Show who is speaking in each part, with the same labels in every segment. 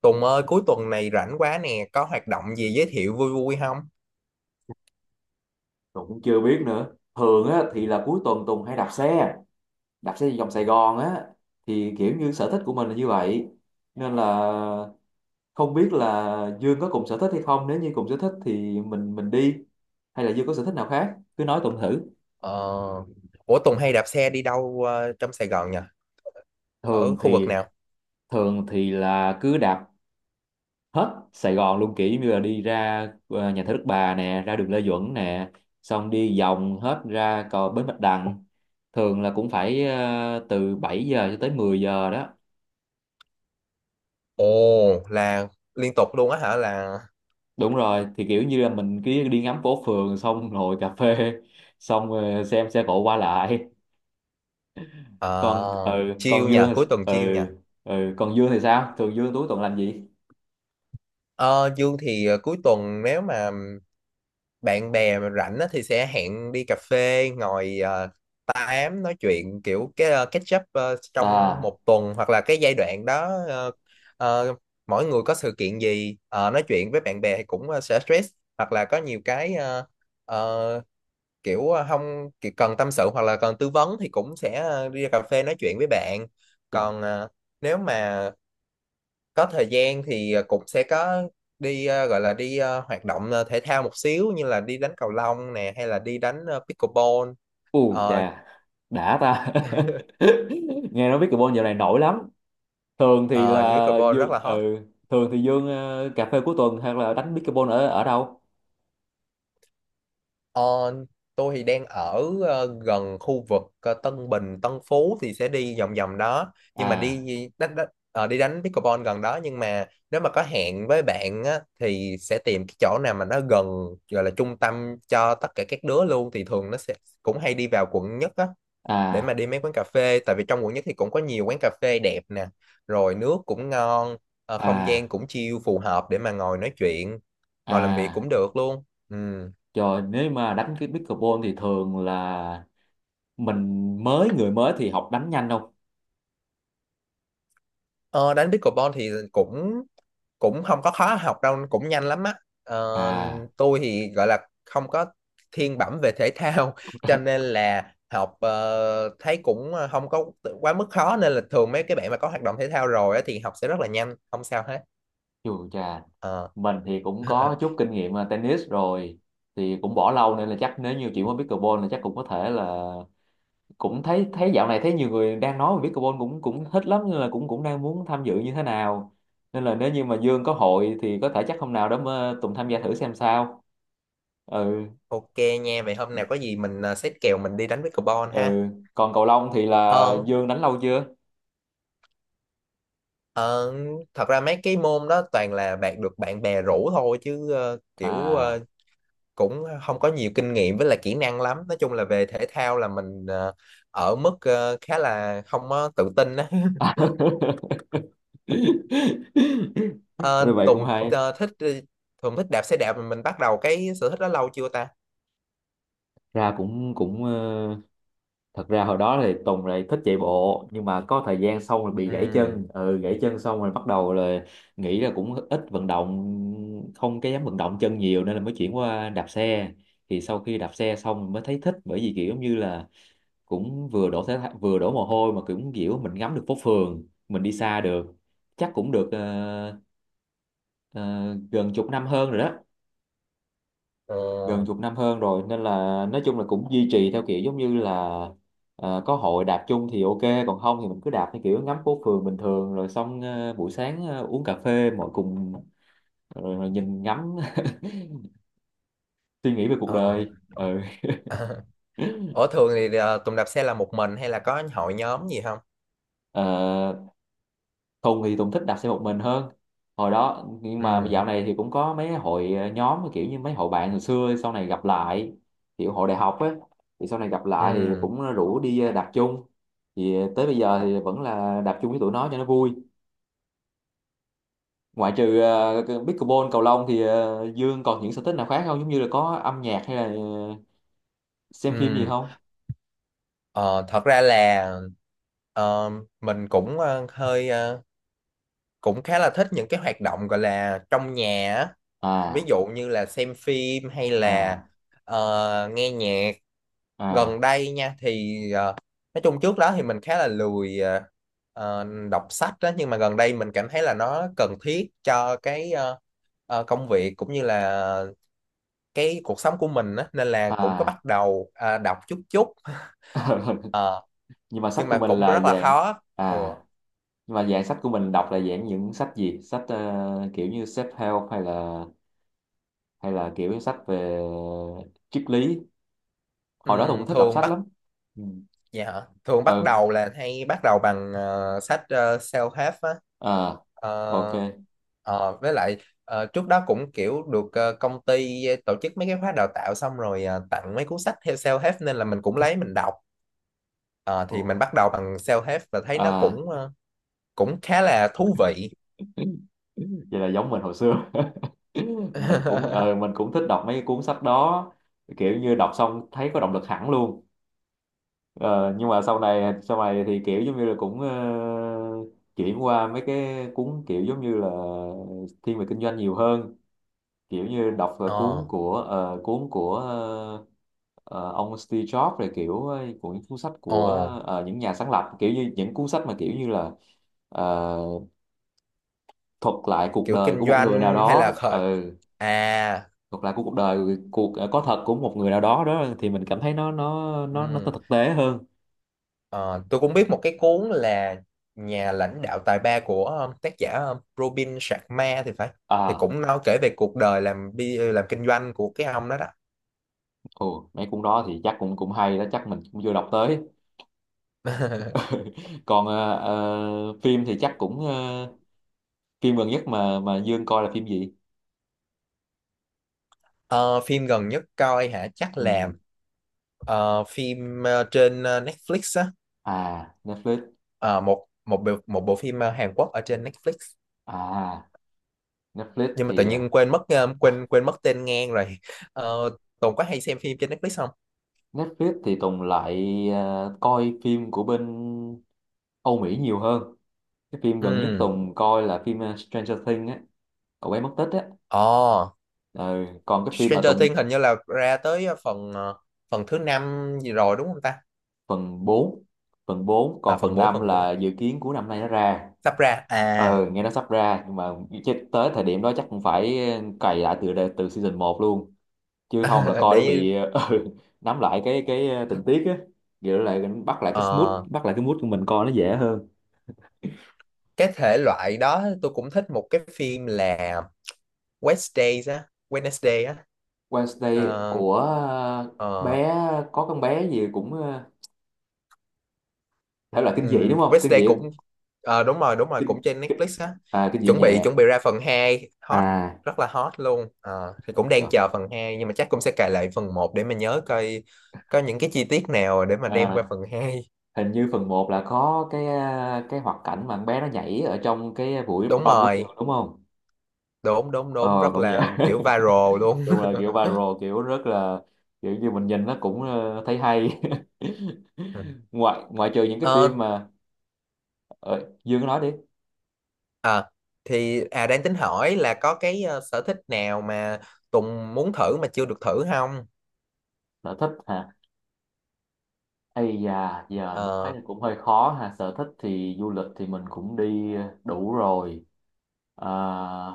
Speaker 1: Tùng ơi, cuối tuần này rảnh quá nè, có hoạt động gì giới thiệu vui vui không?
Speaker 2: Tùng cũng chưa biết nữa, thường á thì là cuối tuần Tùng hay đạp xe vòng Sài Gòn á, thì kiểu như sở thích của mình là như vậy, nên là không biết là Dương có cùng sở thích hay không. Nếu như cùng sở thích thì mình đi, hay là Dương có sở thích nào khác cứ nói Tùng thử.
Speaker 1: Ờ, ủa Tùng hay đạp xe đi đâu trong Sài Gòn nhỉ? Ở
Speaker 2: thường
Speaker 1: khu vực
Speaker 2: thì
Speaker 1: nào?
Speaker 2: thường thì là cứ đạp hết Sài Gòn luôn, kiểu như là đi ra nhà thờ Đức Bà nè, ra đường Lê Duẩn nè, xong đi vòng hết ra cầu Bến Bạch Đằng. Thường là cũng phải từ 7 giờ cho tới 10 giờ đó.
Speaker 1: Ồ, là liên tục luôn á hả? Là
Speaker 2: Đúng rồi, thì kiểu như là mình cứ đi ngắm phố phường, xong ngồi cà phê, xong xem xe cộ qua lại. Còn
Speaker 1: ờ,
Speaker 2: ừ
Speaker 1: chill
Speaker 2: còn
Speaker 1: nha,
Speaker 2: Dương thì-
Speaker 1: cuối tuần
Speaker 2: ừ
Speaker 1: chill nha.
Speaker 2: ừ còn Dương thì sao, thường Dương cuối tuần làm gì?
Speaker 1: Ờ, Dương thì cuối tuần nếu mà bạn bè mà rảnh á, thì sẽ hẹn đi cà phê ngồi tám nói chuyện kiểu cái catch up trong
Speaker 2: À,
Speaker 1: một tuần hoặc là cái giai đoạn đó ờ, mỗi người có sự kiện gì nói chuyện với bạn bè thì cũng sẽ stress hoặc là có nhiều cái ờ, kiểu không kiểu cần tâm sự hoặc là cần tư vấn thì cũng sẽ đi ra cà phê nói chuyện với bạn,
Speaker 2: trời,
Speaker 1: còn nếu mà có thời gian thì cũng sẽ có đi gọi là đi hoạt động thể thao một xíu, như là đi đánh cầu lông nè hay là đi đánh pickleball.
Speaker 2: u
Speaker 1: ờ
Speaker 2: chà, đã ta. Nghe nói pickleball dạo này nổi lắm. thường thì
Speaker 1: ờ,
Speaker 2: là
Speaker 1: Pickleball rất là
Speaker 2: Dương
Speaker 1: hot.
Speaker 2: ừ Thường thì Dương cà phê cuối tuần hay là đánh pickleball ở ở đâu?
Speaker 1: Ờ, tôi thì đang ở gần khu vực Tân Bình Tân Phú thì sẽ đi vòng vòng đó, nhưng mà đi
Speaker 2: À,
Speaker 1: đánh, đánh ờ, đi đánh pickleball gần đó. Nhưng mà nếu mà có hẹn với bạn á, thì sẽ tìm cái chỗ nào mà nó gần, gọi là trung tâm cho tất cả các đứa luôn, thì thường nó sẽ cũng hay đi vào quận nhất á, để
Speaker 2: à,
Speaker 1: mà đi mấy quán cà phê, tại vì trong quận nhất thì cũng có nhiều quán cà phê đẹp nè, rồi nước cũng ngon, không gian
Speaker 2: à,
Speaker 1: cũng chill, phù hợp để mà ngồi nói chuyện, ngồi làm việc
Speaker 2: à,
Speaker 1: cũng được luôn. Ừ.
Speaker 2: trời, nếu mà đánh cái pickleball thì thường là mình mới người mới thì học đánh nhanh không?
Speaker 1: ờ, Đánh pickleball thì cũng cũng không có khó học đâu, cũng nhanh lắm á. ờ,
Speaker 2: À,
Speaker 1: tôi thì gọi là không có thiên bẩm về thể thao, cho nên là học thấy cũng không có quá mức khó, nên là thường mấy cái bạn mà có hoạt động thể thao rồi á, thì học sẽ rất là nhanh, không sao hết.
Speaker 2: chù chà,
Speaker 1: Ờ.
Speaker 2: mình thì cũng có chút kinh nghiệm tennis rồi, thì cũng bỏ lâu nên là chắc nếu như chuyển qua pickleball là chắc cũng có thể là cũng thấy thấy dạo này thấy nhiều người đang nói về pickleball cũng cũng thích lắm, nên là cũng cũng đang muốn tham dự như thế nào. Nên là nếu như mà Dương có hội thì có thể chắc hôm nào đó mà Tùng tham gia thử xem sao. Ừ,
Speaker 1: Ok nha, vậy hôm nào có gì mình, xếp kèo mình đi đánh với Carbon ha.
Speaker 2: ừ, còn cầu lông thì là
Speaker 1: Ờ,
Speaker 2: Dương đánh lâu chưa?
Speaker 1: ờ, thật ra mấy cái môn đó toàn là bạn được bạn bè rủ thôi chứ, kiểu
Speaker 2: À.
Speaker 1: cũng không có nhiều kinh nghiệm với là kỹ năng lắm. Nói chung là về thể thao là mình ở mức khá là không có tự tin á.
Speaker 2: Rồi,
Speaker 1: Ờ,
Speaker 2: vậy cũng hay
Speaker 1: Tùng thích đạp xe đạp, mà mình bắt đầu cái sở thích đó lâu chưa ta?
Speaker 2: ra. Cũng cũng ờ, Thật ra hồi đó thì Tùng lại thích chạy bộ, nhưng mà có thời gian xong rồi bị gãy
Speaker 1: Ừ.
Speaker 2: chân. Ừ Gãy chân xong rồi bắt đầu là nghĩ là cũng ít vận động, không cái dám vận động chân nhiều, nên là mới chuyển qua đạp xe. Thì sau khi đạp xe xong mới thấy thích, bởi vì kiểu như là cũng vừa vừa đổ mồ hôi, mà cũng kiểu mình ngắm được phố phường, mình đi xa được. Chắc cũng được ờ, gần chục năm hơn rồi đó.
Speaker 1: Ờ.
Speaker 2: Gần chục năm hơn rồi Nên là, nói chung là cũng duy trì theo kiểu giống như là, có hội đạp chung thì ok, còn không thì mình cứ đạp theo kiểu ngắm phố phường bình thường, rồi xong buổi sáng uống cà phê mọi cùng, rồi nhìn ngắm suy nghĩ về cuộc
Speaker 1: Ờ.
Speaker 2: đời. Ừ.
Speaker 1: Ủa thường thì Tùng đạp xe là một mình hay là có hội nhóm gì không?
Speaker 2: Ờ, Tùng thích đạp xe một mình hơn hồi đó, nhưng mà
Speaker 1: Ừ.
Speaker 2: dạo này thì cũng có mấy hội nhóm, kiểu như mấy hội bạn hồi xưa sau này gặp lại, kiểu hội đại học á, thì sau này gặp lại thì
Speaker 1: Ừ.
Speaker 2: cũng rủ đi đạp chung. Thì tới bây giờ thì vẫn là đạp chung với tụi nó cho nó vui. Ngoại trừ cái pickleball, cầu lông thì Dương còn những sở thích nào khác không, giống như là có âm nhạc hay là xem phim gì
Speaker 1: Ừ.
Speaker 2: không?
Speaker 1: Ờ, thật ra là ờ, mình cũng hơi cũng khá là thích những cái hoạt động gọi là trong nhà á. Ví
Speaker 2: À,
Speaker 1: dụ như là xem phim hay là
Speaker 2: à,
Speaker 1: nghe nhạc.
Speaker 2: à,
Speaker 1: Gần đây nha, thì nói chung trước đó thì mình khá là lười ờ, đọc sách đó, nhưng mà gần đây mình cảm thấy là nó cần thiết cho cái công việc cũng như là cái cuộc sống của mình á, nên là cũng có
Speaker 2: à.
Speaker 1: bắt đầu đọc chút chút. Ờ,
Speaker 2: Nhưng mà sách
Speaker 1: nhưng
Speaker 2: của
Speaker 1: mà
Speaker 2: mình
Speaker 1: cũng
Speaker 2: là
Speaker 1: rất là
Speaker 2: vàng.
Speaker 1: khó. Ừ.
Speaker 2: À, nhưng mà dạng sách của mình đọc là dạng những sách gì? Sách kiểu như self-help, hay là, hay là kiểu sách về triết lý. Hồi đó tôi cũng thích đọc
Speaker 1: Thường
Speaker 2: sách
Speaker 1: bắt
Speaker 2: lắm. Ừ.
Speaker 1: dạ hả? Thường bắt
Speaker 2: Ừ.
Speaker 1: đầu là hay bắt đầu bằng sách self-help á.
Speaker 2: À, ok.
Speaker 1: Ờ, với lại trước đó cũng kiểu được công ty tổ chức mấy cái khóa đào tạo, xong rồi tặng mấy cuốn sách theo self-help nên là mình cũng lấy mình đọc. Ờ, thì
Speaker 2: Ồ.
Speaker 1: mình bắt đầu bằng self-help và thấy nó
Speaker 2: À.
Speaker 1: cũng cũng khá là thú vị.
Speaker 2: Vậy là giống mình hồi xưa. Mình cũng mình cũng thích đọc mấy cái cuốn sách đó. Kiểu như đọc xong thấy có động lực hẳn luôn. Ờ, nhưng mà sau này thì kiểu giống như là cũng chuyển qua mấy cái cuốn kiểu giống như là thiên về kinh doanh nhiều hơn. Kiểu như đọc
Speaker 1: Ờ.
Speaker 2: cuốn của ông Steve Jobs, rồi kiểu của những cuốn sách
Speaker 1: Ồ.
Speaker 2: của những nhà sáng lập, kiểu như những cuốn sách mà kiểu như là ờ, thuật lại cuộc
Speaker 1: Kiểu
Speaker 2: đời
Speaker 1: kinh
Speaker 2: của một người nào
Speaker 1: doanh hay
Speaker 2: đó
Speaker 1: là
Speaker 2: đó.
Speaker 1: khởi.
Speaker 2: Ừ,
Speaker 1: À.
Speaker 2: thuật lại của cuộc đời cuộc ờ, có thật của một người nào đó đó, thì mình cảm thấy nó
Speaker 1: Ừ.
Speaker 2: thực tế hơn.
Speaker 1: Ờ, tôi cũng biết một cái cuốn là nhà lãnh đạo tài ba, của tác giả Robin Sharma thì phải, thì
Speaker 2: À,
Speaker 1: cũng nói kể về cuộc đời làm kinh doanh của cái ông đó đó.
Speaker 2: ồ, mấy cuốn đó thì chắc cũng cũng hay đó, chắc mình cũng chưa đọc tới. Còn phim thì chắc cũng phim gần nhất mà Dương coi là phim gì?
Speaker 1: Ờ, phim gần nhất coi hả, chắc là
Speaker 2: Ừ.
Speaker 1: phim trên Netflix á.
Speaker 2: À, Netflix.
Speaker 1: Ờ, một một bộ phim Hàn Quốc ở trên Netflix,
Speaker 2: À, Netflix
Speaker 1: nhưng mà tự
Speaker 2: thì
Speaker 1: nhiên quên mất quên quên mất tên ngang rồi. Ờ, Tùng có hay xem phim trên Netflix không?
Speaker 2: Netflix thì Tùng lại coi phim của bên Âu Mỹ nhiều hơn. Cái phim gần nhất
Speaker 1: Ừ.
Speaker 2: Tùng coi là phim Stranger Things á, cậu bé mất tích á.
Speaker 1: Ồ,
Speaker 2: Ờ, còn cái phim mà
Speaker 1: Stranger Things
Speaker 2: Tùng,
Speaker 1: hình như là ra tới phần phần thứ năm gì rồi đúng không ta?
Speaker 2: phần 4, phần 4,
Speaker 1: À,
Speaker 2: còn
Speaker 1: phần
Speaker 2: phần
Speaker 1: bốn,
Speaker 2: 5
Speaker 1: phần bốn
Speaker 2: là dự kiến của năm nay nó ra.
Speaker 1: sắp ra à.
Speaker 2: Ờ, nghe nó sắp ra nhưng mà chứ tới thời điểm đó chắc cũng phải cày lại từ từ season 1 luôn, chứ không là coi nó
Speaker 1: Để
Speaker 2: bị ừ, nắm lại tình tiết á. Vậy lại,
Speaker 1: ờ,
Speaker 2: bắt lại cái mood của mình coi nó dễ hơn.
Speaker 1: cái thể loại đó tôi cũng thích một cái phim là Wednesdays á, Wednesday á.
Speaker 2: Wednesday
Speaker 1: Ờ,
Speaker 2: của
Speaker 1: ờ,
Speaker 2: bé, có con bé gì cũng thể loại kinh dị, đúng không, kinh
Speaker 1: Wednesday
Speaker 2: dị,
Speaker 1: cũng đúng rồi, đúng rồi,
Speaker 2: kinh,
Speaker 1: cũng trên
Speaker 2: kinh
Speaker 1: Netflix á,
Speaker 2: à, kinh dị
Speaker 1: chuẩn
Speaker 2: nhẹ.
Speaker 1: bị chuẩn bị ra phần hai, hot
Speaker 2: À,
Speaker 1: rất là hot luôn. Ờ, thì cũng đang
Speaker 2: trời.
Speaker 1: chờ phần hai, nhưng mà chắc cũng sẽ cài lại phần một để mà nhớ coi có những cái chi tiết nào để mà đem qua
Speaker 2: À,
Speaker 1: phần hai.
Speaker 2: hình như phần 1 là có cái cái hoạt cảnh mà con bé nó nhảy ở trong cái buổi
Speaker 1: Đúng
Speaker 2: prom của
Speaker 1: rồi,
Speaker 2: trường, đúng không?
Speaker 1: đúng đúng đúng,
Speaker 2: Ờ,
Speaker 1: rất
Speaker 2: cũng vậy.
Speaker 1: là kiểu viral luôn.
Speaker 2: Đúng là kiểu viral, kiểu rất là, kiểu như mình nhìn nó cũng thấy hay.
Speaker 1: Ừ.
Speaker 2: ngoại ngoại trừ những cái phim
Speaker 1: Ờ,
Speaker 2: mà ờ, Dương nói đi.
Speaker 1: à, thì đang tính hỏi là có cái sở thích nào mà Tùng muốn thử mà chưa được thử không?
Speaker 2: Sở thích hả? Ây da, giờ nói
Speaker 1: Ờ.
Speaker 2: thì cũng hơi khó ha. Sở thích thì du lịch thì mình cũng đi đủ rồi. Ờ,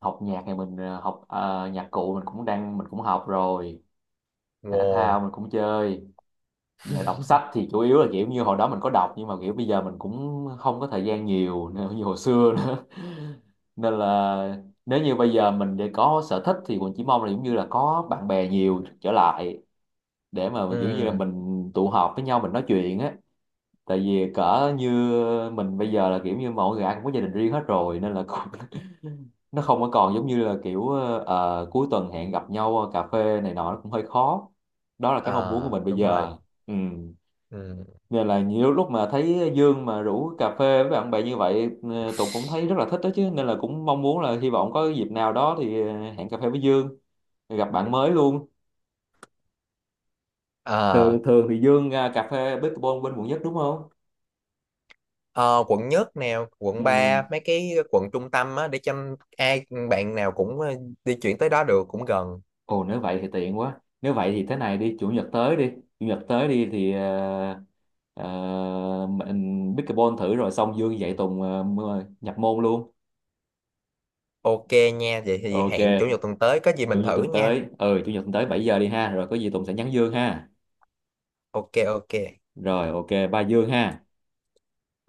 Speaker 2: học nhạc thì mình nhạc cụ mình cũng đang mình cũng học rồi, thể thao
Speaker 1: Wow.
Speaker 2: mình cũng chơi. Giờ đọc sách thì chủ yếu là kiểu như hồi đó mình có đọc, nhưng mà kiểu bây giờ mình cũng không có thời gian nhiều nữa như hồi xưa nữa nên là nếu như bây giờ mình để có sở thích thì mình chỉ mong là giống như là có bạn bè nhiều trở lại, để mà kiểu như là
Speaker 1: Ừ.
Speaker 2: mình tụ họp với nhau mình nói chuyện á. Tại vì cỡ như mình bây giờ là kiểu như mọi người ai cũng có gia đình riêng hết rồi, nên là cũng nó không có còn giống như là kiểu cuối tuần hẹn gặp nhau cà phê này nọ, nó cũng hơi khó. Đó là cái mong muốn của
Speaker 1: À,
Speaker 2: mình bây
Speaker 1: đúng rồi.
Speaker 2: giờ. Ừ,
Speaker 1: Ừ.
Speaker 2: nên là nhiều lúc mà thấy Dương mà rủ cà phê với bạn bè như vậy, Tùng cũng thấy rất là thích đó chứ, nên là cũng mong muốn là hy vọng có dịp nào đó thì hẹn cà phê với Dương, gặp bạn mới luôn.
Speaker 1: Ờ,
Speaker 2: Thường thường thì Dương à, cà phê pickleball bên quận nhất đúng không?
Speaker 1: ờ, quận nhất nè, quận 3,
Speaker 2: Ừm,
Speaker 1: mấy cái quận trung tâm á, để cho ai bạn nào cũng di chuyển tới đó được, cũng gần.
Speaker 2: ồ, nếu vậy thì tiện quá. Nếu vậy thì thế này đi, chủ nhật tới đi, chủ nhật tới đi thì ờ, mình pickleball thử, rồi xong Dương dạy Tùng nhập môn luôn.
Speaker 1: Ok nha, vậy thì hẹn chủ
Speaker 2: Ok,
Speaker 1: nhật tuần tới có gì
Speaker 2: chủ
Speaker 1: mình
Speaker 2: nhật
Speaker 1: thử
Speaker 2: tuần
Speaker 1: nha.
Speaker 2: tới, ừ, chủ nhật tuần tới 7 giờ đi ha, rồi có gì Tùng sẽ nhắn Dương ha.
Speaker 1: Ok, ok.
Speaker 2: Rồi, ok, ba Dương ha.